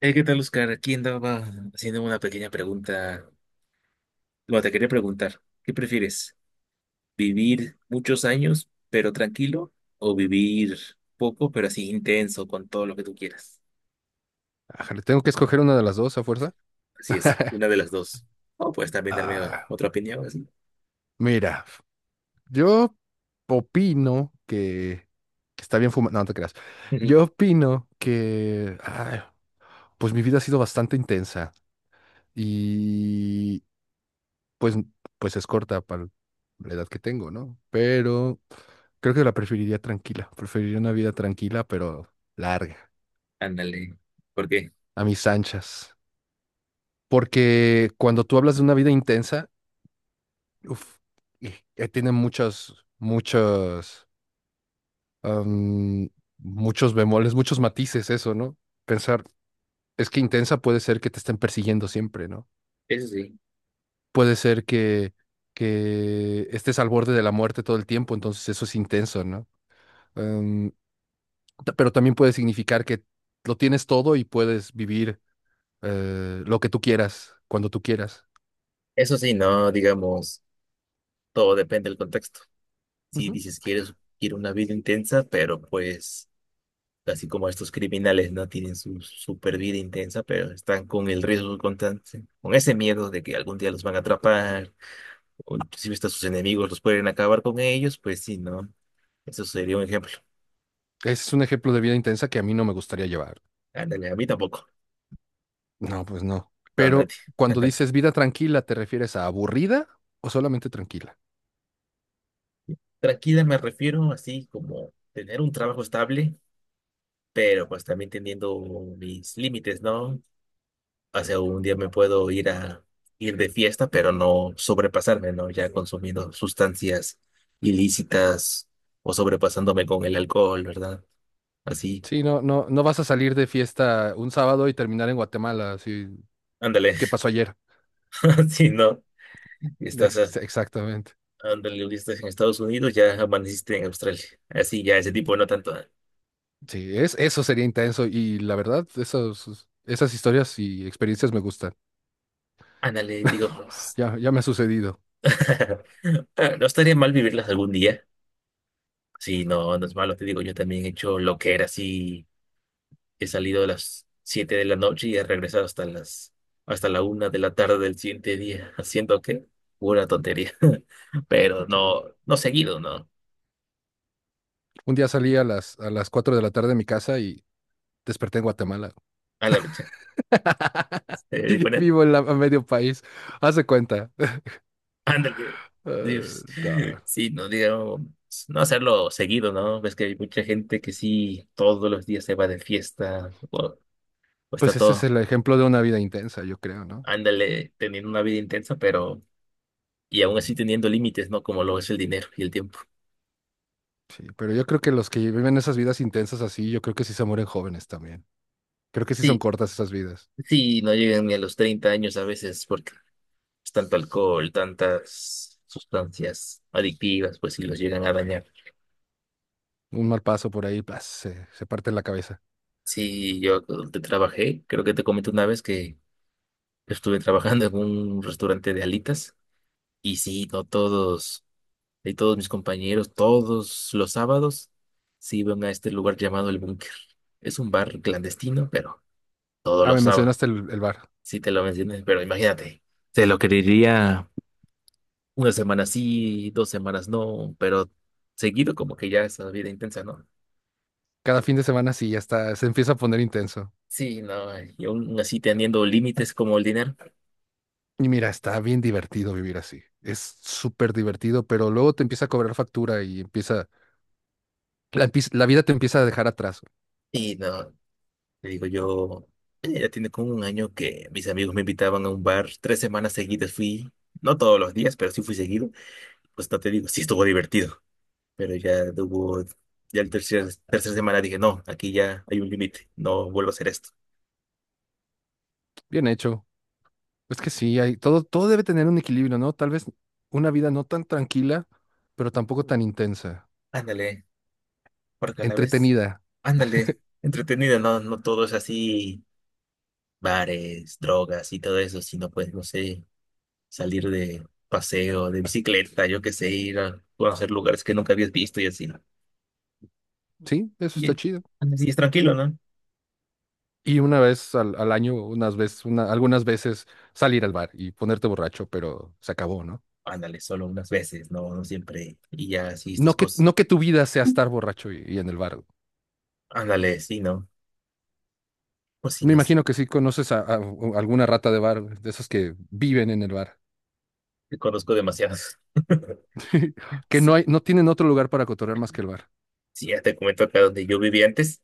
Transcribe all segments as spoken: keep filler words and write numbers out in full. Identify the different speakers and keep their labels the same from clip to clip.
Speaker 1: Eh, ¿qué tal, Oscar? Aquí andaba haciendo una pequeña pregunta. Bueno, te quería preguntar, ¿qué prefieres? ¿Vivir muchos años, pero tranquilo? ¿O vivir poco, pero así intenso, con todo lo que tú quieras?
Speaker 2: Ajá, le tengo que escoger una de las dos a fuerza.
Speaker 1: Así es, una de las dos. O puedes también darme
Speaker 2: Ah,
Speaker 1: otra opinión, así.
Speaker 2: mira, yo opino que, que está bien fumar. No, no te creas. Yo opino que, ay, pues mi vida ha sido bastante intensa y pues, pues es corta para la edad que tengo, ¿no? Pero creo que la preferiría tranquila. Preferiría una vida tranquila, pero larga,
Speaker 1: Ándale. ¿Por qué?
Speaker 2: a mis anchas. Porque cuando tú hablas de una vida intensa, Uf, y, eh, tiene muchas, muchas, am, muchos bemoles, muchos matices eso, ¿no? Pensar, es que intensa puede ser que te estén persiguiendo siempre, ¿no?
Speaker 1: Eso sí.
Speaker 2: Puede ser que, que estés al borde de la muerte todo el tiempo, entonces eso es intenso, ¿no? Am, ta- pero también puede significar que lo tienes todo y puedes vivir eh, lo que tú quieras, cuando tú quieras.
Speaker 1: Eso sí, no, digamos, todo depende del contexto. Si
Speaker 2: Ujú.
Speaker 1: dices, quieres, quiero una vida intensa, pero pues, así como estos criminales no tienen su super vida intensa, pero están con el riesgo constante, con ese miedo de que algún día los van a atrapar, o inclusive hasta sus enemigos los pueden acabar con ellos, pues sí, ¿no? Eso sería un ejemplo.
Speaker 2: Ese es un ejemplo de vida intensa que a mí no me gustaría llevar.
Speaker 1: Ándale, a mí tampoco.
Speaker 2: No, pues no.
Speaker 1: No,
Speaker 2: Pero
Speaker 1: nadie.
Speaker 2: cuando dices vida tranquila, ¿te refieres a aburrida o solamente tranquila?
Speaker 1: Tranquila me refiero así como tener un trabajo estable, pero pues también teniendo mis límites, ¿no? O sea, un día me puedo ir a ir de fiesta, pero no sobrepasarme, ¿no? Ya consumiendo sustancias ilícitas o sobrepasándome con el alcohol, ¿verdad? Así,
Speaker 2: Sí, no, no, no vas a salir de fiesta un sábado y terminar en Guatemala, así,
Speaker 1: ándale,
Speaker 2: ¿qué pasó ayer?
Speaker 1: así no. Estás, a-
Speaker 2: Ex- exactamente.
Speaker 1: Ándale, estás en Estados Unidos, ya amaneciste en Australia. Así, ya ese tipo, no tanto. ah,
Speaker 2: Sí, es, eso sería intenso y la verdad, esos, esas historias y experiencias me gustan.
Speaker 1: Ándale, digamos.
Speaker 2: Ya, ya me ha sucedido.
Speaker 1: Ah, No estaría mal vivirlas algún día. Sí, no, no es malo, te digo, yo también he hecho lo que era así. He salido a las siete de la noche y he regresado hasta las hasta la una de la tarde del siguiente día, haciendo que pura tontería. Pero
Speaker 2: Sí.
Speaker 1: no, no seguido, no.
Speaker 2: Un día salí a las, a las cuatro de la tarde de mi casa y desperté en Guatemala.
Speaker 1: A la fecha. Eh, diferente.
Speaker 2: Vivo en la, a medio país. Haz de cuenta.
Speaker 1: Ándale.
Speaker 2: Ah,
Speaker 1: Dios.
Speaker 2: no.
Speaker 1: Sí, no digamos, no hacerlo seguido, ¿no? Ves que hay mucha gente que sí, todos los días se va de fiesta, o, o está
Speaker 2: Pues ese es
Speaker 1: todo,
Speaker 2: el ejemplo de una vida intensa, yo creo, ¿no?
Speaker 1: ándale, teniendo una vida intensa, pero, y aún así teniendo límites, ¿no? Como lo es el dinero y el tiempo.
Speaker 2: Sí, pero yo creo que los que viven esas vidas intensas así, yo creo que sí se mueren jóvenes también. Creo que sí son
Speaker 1: Sí.
Speaker 2: cortas esas vidas.
Speaker 1: Sí, no llegan ni a los treinta años a veces porque es tanto alcohol, tantas sustancias adictivas, pues si los llegan a dañar.
Speaker 2: Un mal paso por ahí, pas, se, se parte la cabeza.
Speaker 1: Sí, yo te trabajé, creo que te comenté una vez que estuve trabajando en un restaurante de alitas y sí, no todos, y todos mis compañeros, todos los sábados se iban a este lugar llamado El Búnker. Es un bar clandestino, pero todos
Speaker 2: Ah,
Speaker 1: los
Speaker 2: me
Speaker 1: sábados,
Speaker 2: mencionaste el, el bar.
Speaker 1: sí te lo mencioné, pero imagínate, se lo quería una semana sí, dos semanas no, pero seguido como que ya esa vida intensa, ¿no?
Speaker 2: Cada fin de semana sí, ya está, se empieza a poner intenso.
Speaker 1: Sí, no, y aún así teniendo límites como el dinero.
Speaker 2: Y mira, está bien divertido vivir así. Es súper divertido, pero luego te empieza a cobrar factura y empieza, la, empieza- la vida te empieza a dejar atrás.
Speaker 1: Y no, te digo yo, eh, ya tiene como un año que mis amigos me invitaban a un bar, tres semanas seguidas fui, no todos los días, pero sí fui seguido. Pues no te digo, sí estuvo divertido, pero ya hubo, ya el tercer, tercera semana dije, no, aquí ya hay un límite, no vuelvo a hacer esto.
Speaker 2: Bien hecho. Es que sí, hay, todo, todo debe tener un equilibrio, ¿no? Tal vez una vida no tan tranquila, pero tampoco tan intensa,
Speaker 1: Ándale, porque a la vez,
Speaker 2: entretenida,
Speaker 1: ándale, entretenido, no, no todo es así, bares, drogas y todo eso, sino pues, no sé, salir de paseo, de bicicleta, yo qué sé, ir a conocer lugares que nunca habías visto y así, ¿no?
Speaker 2: ¿sí? Eso está
Speaker 1: Y,
Speaker 2: chido.
Speaker 1: así es tranquilo, ¿no?
Speaker 2: Y una vez al, al año, unas veces, una- algunas veces salir al bar y ponerte borracho, pero se acabó, ¿no?
Speaker 1: Ándale, solo unas veces, ¿no? No siempre. Y ya así estas
Speaker 2: No que,
Speaker 1: cosas.
Speaker 2: no que tu vida sea estar borracho y, y en el bar.
Speaker 1: Ándale, sí, ¿no? Pues sí,
Speaker 2: Me
Speaker 1: no sé,
Speaker 2: imagino que sí conoces a, a- a alguna rata de bar, de esos que viven en el bar,
Speaker 1: te conozco demasiadas.
Speaker 2: que no
Speaker 1: Sí,
Speaker 2: hay, no tienen otro lugar para cotorrear más que el bar.
Speaker 1: sí, ya te comento acá donde yo vivía antes.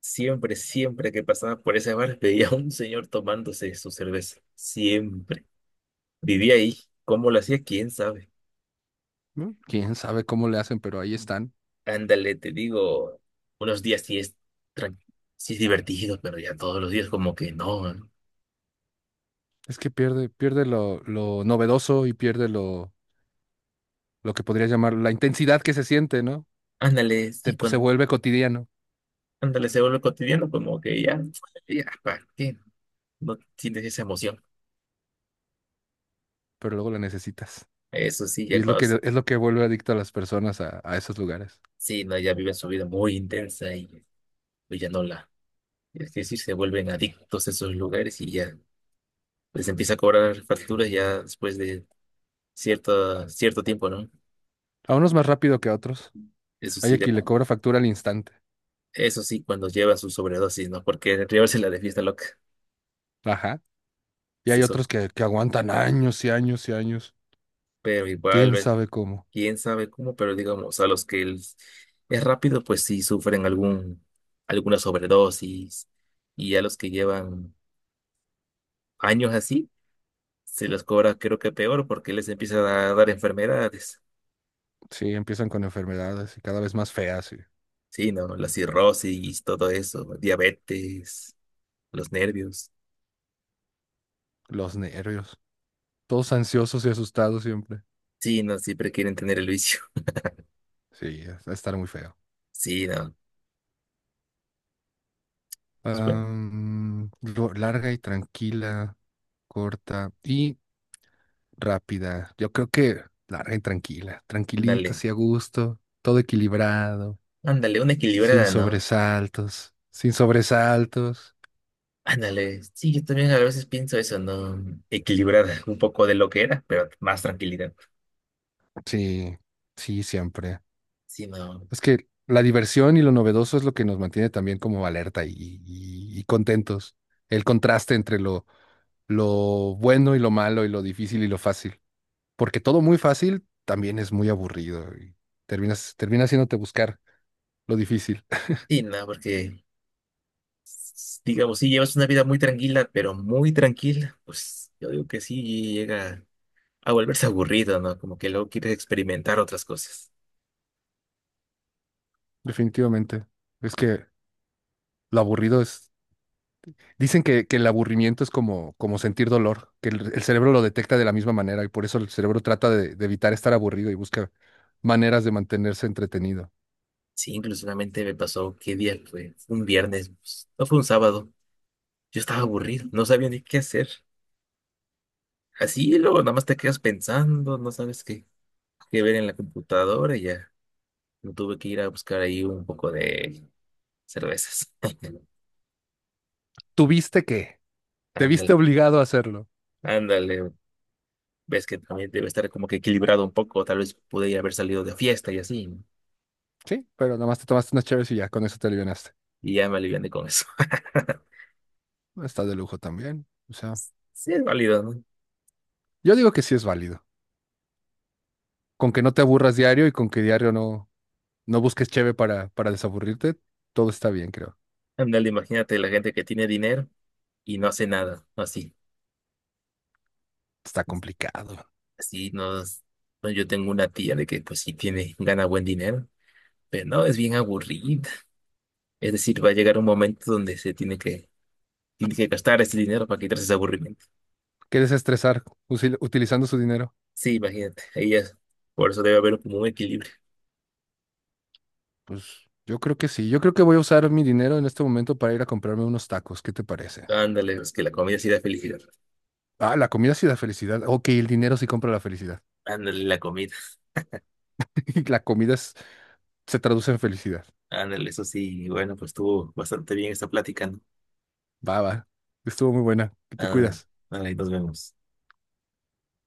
Speaker 1: Siempre, siempre que pasaba por ese bar, veía a un señor tomándose su cerveza. Siempre. Vivía ahí. ¿Cómo lo hacía? ¿Quién sabe?
Speaker 2: ¿No? Quién sabe cómo le hacen, pero ahí están.
Speaker 1: Ándale, te digo, unos días sí es, tran- sí es divertido, pero ya todos los días como que no. ¿No?
Speaker 2: Es que pierde, pierde lo, lo novedoso y pierde lo, lo que podrías llamar la intensidad que se siente, ¿no?
Speaker 1: Ándale,
Speaker 2: Te-
Speaker 1: sí,
Speaker 2: pues, se
Speaker 1: cuando,
Speaker 2: vuelve cotidiano,
Speaker 1: ándale, se vuelve cotidiano, como que ya, ya, ¿para qué? No tienes esa emoción.
Speaker 2: pero luego la necesitas.
Speaker 1: Eso sí,
Speaker 2: Y
Speaker 1: ya
Speaker 2: es lo
Speaker 1: cuando, s-
Speaker 2: que, es lo que vuelve adicto a las personas a, a esos lugares.
Speaker 1: sí, no, ya viven su vida muy intensa y pues ya no la, es decir, se vuelven adictos a esos lugares y ya les empieza a cobrar facturas ya después de cierto, cierto tiempo, ¿no?
Speaker 2: A unos más rápido que a otros.
Speaker 1: Eso
Speaker 2: Hay
Speaker 1: sí,
Speaker 2: a
Speaker 1: de,
Speaker 2: quien le cobra factura al instante.
Speaker 1: eso sí, cuando lleva su sobredosis, ¿no? Porque llevársela de fiesta loca.
Speaker 2: Ajá. Y hay otros que, que aguantan años y años y años.
Speaker 1: Pero igual,
Speaker 2: ¿Quién
Speaker 1: ves,
Speaker 2: sabe cómo?
Speaker 1: quién sabe cómo, pero digamos, a los que el- es rápido, pues sí sufren algún, alguna sobredosis. Y a los que llevan años así, se les cobra creo que peor porque les empieza a dar enfermedades.
Speaker 2: Sí, empiezan con enfermedades y cada vez más feas y
Speaker 1: Sí, no, la cirrosis, todo eso, diabetes, los nervios.
Speaker 2: los nervios. Todos ansiosos y asustados siempre.
Speaker 1: Sí, no, siempre quieren tener el vicio.
Speaker 2: Sí, va a estar muy feo.
Speaker 1: Sí, no. Pues bueno,
Speaker 2: Am, ro- larga y tranquila, corta y rápida. Yo creo que larga y tranquila, tranquilita,
Speaker 1: ándale,
Speaker 2: así a gusto, todo equilibrado,
Speaker 1: ándale, una
Speaker 2: sin
Speaker 1: equilibrada, ¿no?
Speaker 2: sobresaltos, sin sobresaltos.
Speaker 1: Ándale, sí, yo también a veces pienso eso, ¿no? Equilibrar un poco de lo que era, pero más tranquilidad.
Speaker 2: Sí, sí, siempre.
Speaker 1: Sí, no,
Speaker 2: Es que la diversión y lo novedoso es lo que nos mantiene también como alerta y, y- y contentos. El contraste entre lo, lo bueno y lo malo y lo difícil y lo fácil. Porque todo muy fácil también es muy aburrido y terminas, termina haciéndote buscar lo difícil,
Speaker 1: sí, no, porque s- digamos, si llevas una vida muy tranquila, pero muy tranquila, pues yo digo que sí llega a volverse aburrido, ¿no? Como que luego quieres experimentar otras cosas.
Speaker 2: definitivamente. Es que lo aburrido es... Dicen que, que el aburrimiento es como, como sentir dolor, que el, el cerebro lo detecta de la misma manera y por eso el cerebro trata de, de evitar estar aburrido y busca maneras de mantenerse entretenido.
Speaker 1: Sí, inclusivamente me pasó, ¿qué día fue? Fue Un viernes, pues, no fue un sábado. Yo estaba aburrido, no sabía ni qué hacer. Así, y luego nada más te quedas pensando, no sabes qué, qué ver en la computadora y ya. Me tuve que ir a buscar ahí un poco de cervezas.
Speaker 2: ¿Tuviste que? ¿Te viste
Speaker 1: Ándale,
Speaker 2: obligado a hacerlo?
Speaker 1: ándale. Ves que también debe estar como que equilibrado un poco. Tal vez pude haber salido de fiesta y así. ¿No?
Speaker 2: Sí, pero nada más te tomaste unas chaves y ya con eso te alivianaste.
Speaker 1: Y ya me aliviané con eso.
Speaker 2: Está de lujo también. O sea,
Speaker 1: Sí, es válido, ¿no?
Speaker 2: yo digo que sí es válido. Con que no te aburras diario y con que diario no, no busques cheve para, para desaburrirte. Todo está bien, creo.
Speaker 1: Ándale, imagínate la gente que tiene dinero y no hace nada. ¿No? Así,
Speaker 2: Está complicado.
Speaker 1: así nos, no, yo tengo una tía de que pues sí tiene, gana buen dinero, pero no, es bien aburrida. Es decir, va a llegar un momento donde se tiene que, tiene que gastar ese dinero para quitarse ese aburrimiento.
Speaker 2: ¿Quieres estresar usil- utilizando su dinero?
Speaker 1: Sí, imagínate, ahí es. Por eso debe haber como un equilibrio.
Speaker 2: Pues yo creo que sí. Yo creo que voy a usar mi dinero en este momento para ir a comprarme unos tacos. ¿Qué te parece?
Speaker 1: Ándale, es que la comida sí da felicidad.
Speaker 2: Ah, la comida sí da felicidad. Ok, el dinero sí compra la felicidad.
Speaker 1: Ándale, la comida.
Speaker 2: La comida es- Se traduce en felicidad.
Speaker 1: Ándale, eso sí. Bueno, pues estuvo bastante bien esta plática, ¿no?
Speaker 2: Va, va. Estuvo muy buena. Que te
Speaker 1: Ándale,
Speaker 2: cuidas.
Speaker 1: ándale, nos vemos.